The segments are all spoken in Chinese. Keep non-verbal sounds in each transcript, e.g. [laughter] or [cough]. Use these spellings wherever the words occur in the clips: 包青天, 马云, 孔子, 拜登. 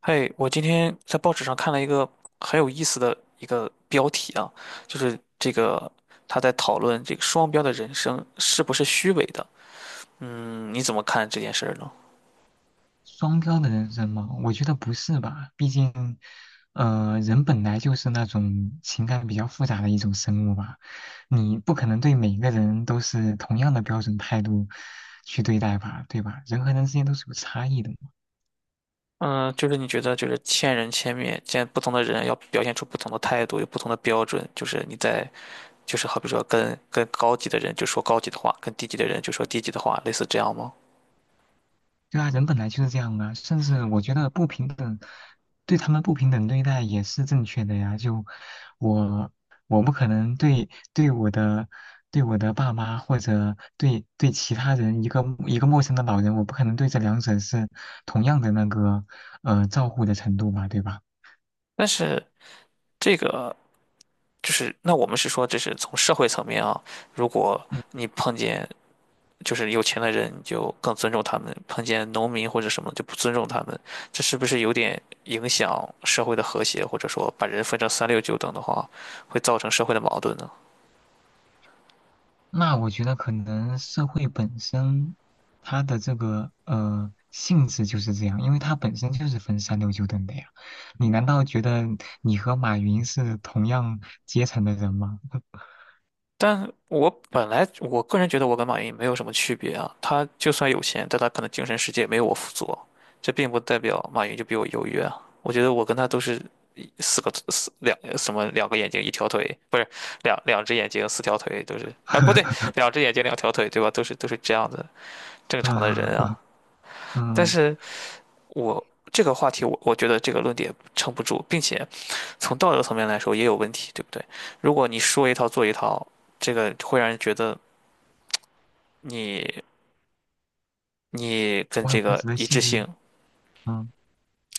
嘿，我今天在报纸上看了一个很有意思的一个标题啊，就是这个他在讨论这个双标的人生是不是虚伪的。嗯，你怎么看这件事儿呢？双标的人生吗？我觉得不是吧，毕竟，人本来就是那种情感比较复杂的一种生物吧，你不可能对每个人都是同样的标准态度去对待吧，对吧？人和人之间都是有差异的。嗯，就是你觉得就是千人千面，见不同的人要表现出不同的态度，有不同的标准，就是你在就是好比说跟高级的人就说高级的话，跟低级的人就说低级的话，类似这样吗？对啊，人本来就是这样啊，甚至我觉得不平等，对他们不平等对待也是正确的呀。就我，我不可能对我的对我的爸妈或者对其他人一个陌生的老人，我不可能对这两者是同样的那个照顾的程度吧，对吧？但是这个就是那我们是说这是从社会层面啊，如果嗯。你碰见。就是有钱的人就更尊重他们，碰见农民或者什么就不尊重他们，这是不是有点影响社会的和谐，或者说把人分成三六九等的话，会造成社会的矛盾呢？那我觉得可能社会本身它的这个性质就是这样，因为它本身就是分三六九等的呀。你难道觉得你和马云是同样阶层的人吗？但我本来我个人觉得我跟马云没有什么区别啊，他就算有钱，但他可能精神世界没有我富足，这并不代表马云就比我优越啊。我觉得我跟他都是四个四两什么两个眼睛一条腿，不是两只眼睛四条腿都是啊，不对，[laughs] 两只眼睛两条腿对吧？都是都是这样子。正常的嗯人啊。但嗯，是我这个话题我觉得这个论点撑不住，并且从道德层面来说也有问题，对不对？如果你说一套做一套，这个会让人觉得你你 [laughs] 跟我这很不个值得一信致任。性嗯，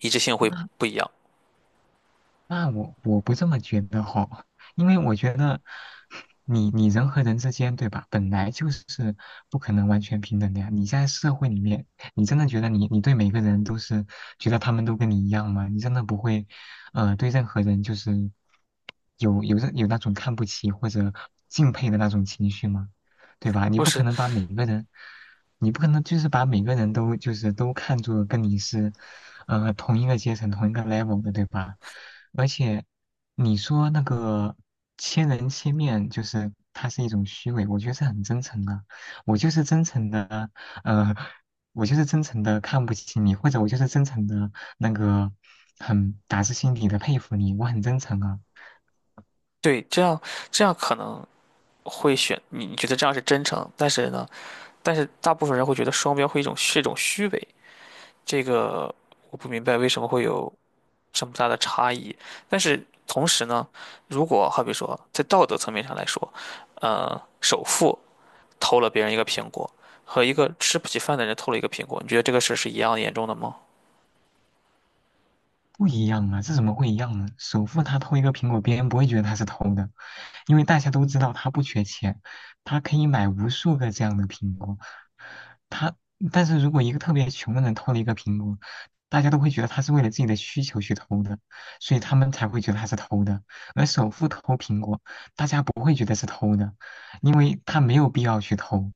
一致性会那不一样，那我不这么觉得吼，因为我觉得你人和人之间，对吧？本来就是不可能完全平等的呀。你在社会里面，你真的觉得你对每个人都是觉得他们都跟你一样吗？你真的不会，呃，对任何人就是有那种看不起或者敬佩的那种情绪吗？对吧？你不不可是？能把每个人，你不可能就是把每个人都就是都看作跟你是。同一个阶层、同一个 level 的，对吧？而且你说那个千人千面，就是它是一种虚伪，我觉得是很真诚的。我就是真诚的，呃，我就是真诚的看不起你，或者我就是真诚的那个很打自心底的佩服你，我很真诚啊。对，这样可能会选你觉得这样是真诚，但是呢，但是大部分人会觉得双标会一种是一种虚伪，这个我不明白为什么会有这么大的差异。但是同时呢，如果好比说在道德层面上来说，首富偷了别人一个苹果，和一个吃不起饭的人偷了一个苹果，你觉得这个事儿是一样严重的吗？不一样啊，这怎么会一样呢？首富他偷一个苹果，别人不会觉得他是偷的，因为大家都知道他不缺钱，他可以买无数个这样的苹果。他，但是如果一个特别穷的人偷了一个苹果，大家都会觉得他是为了自己的需求去偷的，所以他们才会觉得他是偷的。而首富偷苹果，大家不会觉得是偷的，因为他没有必要去偷。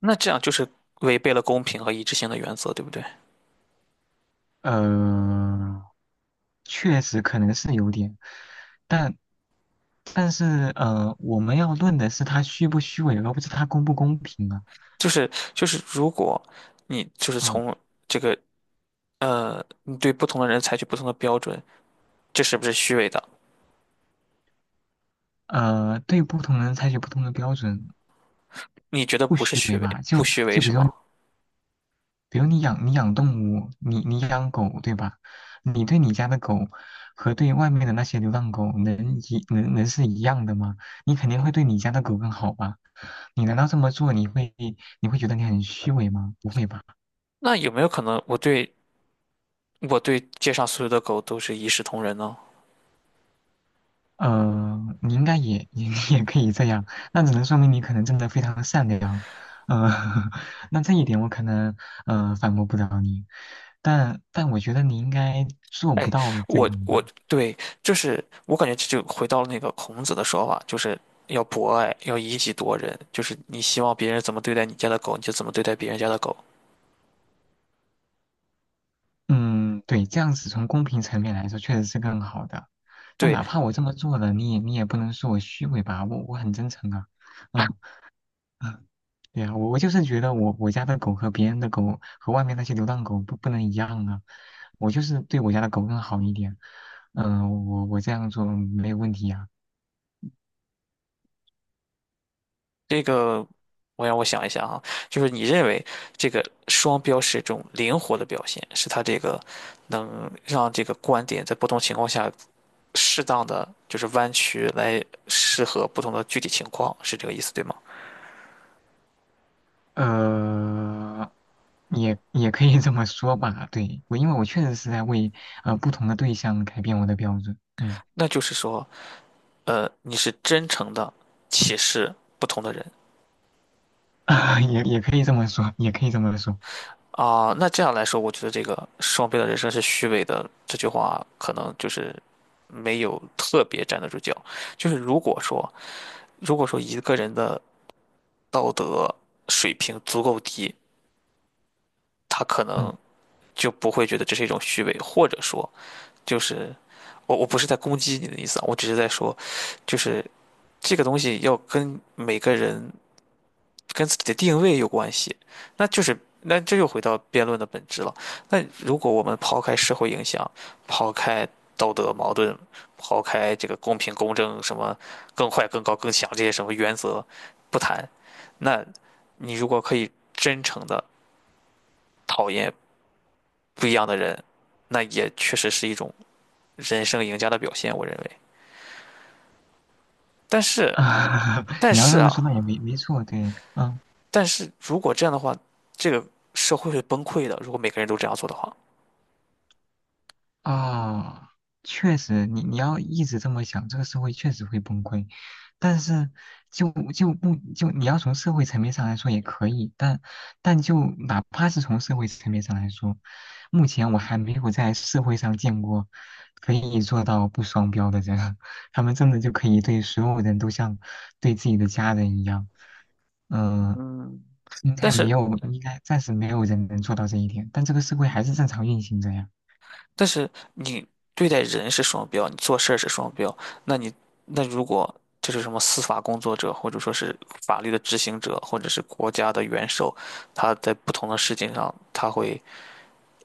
那这样就是违背了公平和一致性的原则，对不对？呃，确实可能是有点，但但是我们要论的是它虚不虚伪，而不是它公不公平啊。就是，如果你就是嗯从这个你对不同的人采取不同的标准，这是不是虚伪的？对不同人采取不同的标准，你觉得不不是虚虚伪伪，吧？不就虚伪就比是如说吗？比如你养动物，你养狗对吧？你对你家的狗和对外面的那些流浪狗能是一样的吗？你肯定会对你家的狗更好吧？你难道这么做你会觉得你很虚伪吗？不会吧？那有没有可能我对街上所有的狗都是一视同仁呢？呃，你应该也 [laughs] 也可以这样，那只能说明你可能真的非常善良。呃，[laughs] 那这一点我可能反驳不了你，但我觉得你应该做不哎，到这我样我吧。对，就是我感觉这就回到了那个孔子的说法，就是要博爱，要以己度人，就是你希望别人怎么对待你家的狗，你就怎么对待别人家的狗。嗯，对，这样子从公平层面来说确实是更好的。但对，哪怕我这么做了，你也不能说我虚伪吧，我很真诚啊。嗯嗯，对呀，我就是觉得我家的狗和别人的狗和外面那些流浪狗不能一样啊。我就是对我家的狗更好一点。嗯、我这样做没有问题呀、这个我让我想一下啊，就是你认为这个双标是一种灵活的表现，是它这个能让这个观点在不同情况下适当的就是弯曲来适合不同的具体情况，是这个意思对吗？呃，也可以这么说吧。对，我因为我确实是在为不同的对象改变我的标准。嗯，那就是说，你是真诚的歧视不同的人 [laughs] 也可以这么说，也可以这么说。啊。那这样来说，我觉得这个“双倍的人生是虚伪的”这句话，可能就是没有特别站得住脚。就是如果说，如果说一个人的道德水平足够低，他可嗯，能就不会觉得这是一种虚伪，或者说，就是我不是在攻击你的意思啊，我只是在说，就是这个东西要跟每个人跟自己的定位有关系，那就是那这又回到辩论的本质了。那如果我们抛开社会影响，抛开道德矛盾，抛开这个公平公正什么更快更高更强这些什么原则不谈，那你如果可以真诚的讨厌不一样的人，那也确实是一种人生赢家的表现，我认为。但是，[laughs] 但你要是这么啊，说那也没错。对，嗯。但是如果这样的话，这个社会会崩溃的。如果每个人都这样做的话。啊，确实，你要一直这么想，这个社会确实会崩溃。但是就就不就你要从社会层面上来说也可以，但就哪怕是从社会层面上来说，目前我还没有在社会上见过可以做到不双标的人，[laughs] 他们真的就可以对所有人都像对自己的家人一样。嗯、嗯，应但该没是有，应该暂时没有人能做到这一点，但这个社会还是正常运行着呀。但是你对待人是双标，你做事儿是双标，那你那如果这是什么司法工作者，或者说是法律的执行者，或者是国家的元首，他在不同的事情上，他会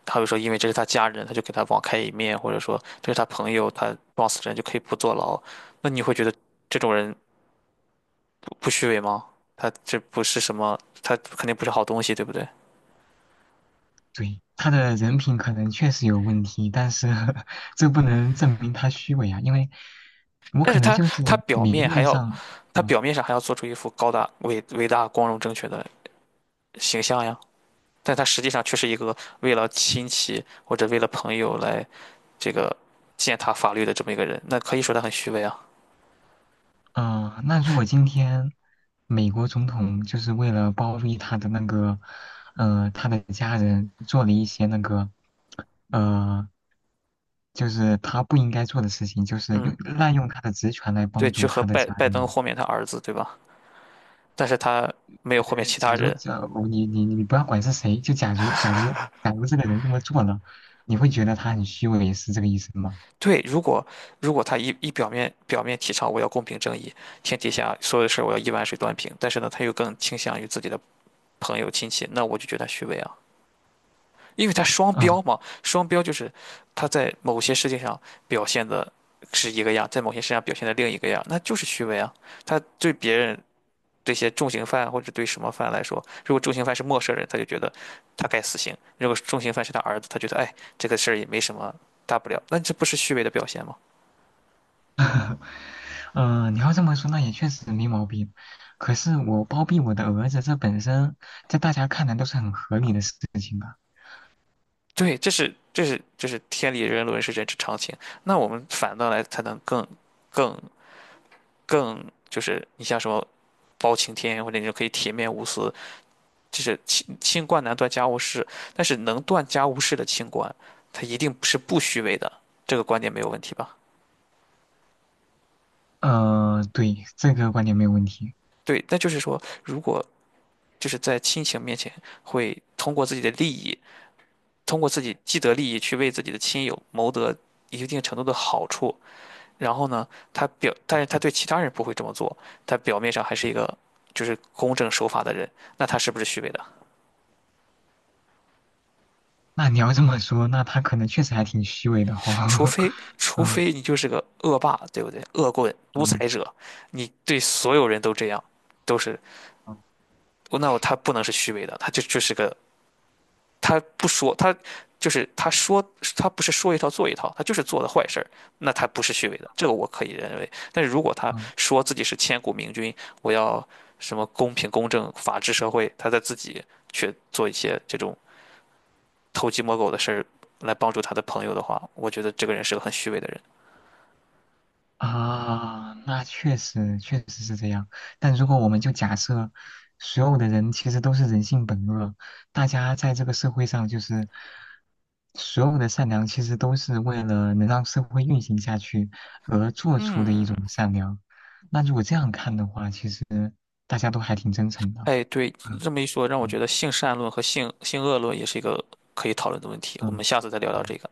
他会说，因为这是他家人，他就给他网开一面，或者说这是他朋友，他撞死人就可以不坐牢，那你会觉得这种人不虚伪吗？他这不是什么，他肯定不是好东西，对不对？对，他的人品可能确实有问题，但是 [laughs] 这不能证明他虚伪啊，因为我但可是能就是他表明面还面要，上，他嗯表面上还要做出一副高大伟大光荣正确的形象呀，但他实际上却是一个为了亲戚或者为了朋友来这个践踏法律的这么一个人，那可以说他很虚伪啊。那如果今天美国总统就是为了包庇他的那个，呃，他的家人做了一些那个，呃，就是他不应该做的事情，就是用嗯，滥用他的职权来对，帮去助和他的拜家拜登人，豁免他儿子，对吧？但是他没有豁免其假他如人。假如你不要管是谁，就假如这个人这么做了，你会觉得他很虚伪，是这个意思吗？对，如果他一一表面表面提倡我要公平正义，天底下所有的事儿我要一碗水端平，但是呢，他又更倾向于自己的朋友亲戚，那我就觉得他虚伪啊。因为他双标嗯，嘛，双标就是他在某些事情上表现的是一个样，在某些事情上表现的另一个样，那就是虚伪啊。他对别人这些重刑犯或者对什么犯来说，如果重刑犯是陌生人，他就觉得他该死刑；如果重刑犯是他儿子，他觉得哎这个事儿也没什么大不了，那这不是虚伪的表现吗？[laughs] 嗯，你要这么说，那也确实没毛病。可是我包庇我的儿子，这本身在大家看来都是很合理的事情吧？对，这是天理人伦是人之常情。那我们反倒来才能更更就是你像什么包青天或者你就可以铁面无私。就是清官难断家务事，但是能断家务事的清官，他一定是不虚伪的，这个观点没有问题吧？呃，对，这个观点没有问题。对，那就是说，如果就是在亲情面前，会通过自己的利益，通过自己既得利益去为自己的亲友谋得一定程度的好处，然后呢，但是他对其他人不会这么做，他表面上还是一个就是公正守法的人，那他是不是虚伪的？那你要这么说，那他可能确实还挺虚伪的除哈、非 [laughs] 除嗯非你就是个恶霸，对不对？恶棍、独嗯裁者，你对所有人都这样，都是嗯那我他不能是虚伪的，他就就是个他不说他就是他说他不是说一套做一套，他就是做的坏事儿，那他不是虚伪的，这个我可以认为。但是如果他嗯说自己是千古明君，我要什么公平公正、法治社会，他在自己去做一些这种偷鸡摸狗的事儿来帮助他的朋友的话，我觉得这个人是个很虚伪的人。啊，那确实确实是这样。但如果我们就假设所有的人其实都是人性本恶，大家在这个社会上就是所有的善良，其实都是为了能让社会运行下去而做出的一嗯。种善良。那如果这样看的话，其实大家都还挺真诚的。哎，对，你嗯这么一说，让我觉嗯得性善论和性恶论也是一个可以讨论的问题。我嗯，们下次再聊对聊这个。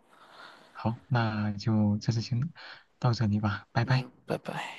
好，那就这次先到这里吧，拜拜。嗯。拜拜。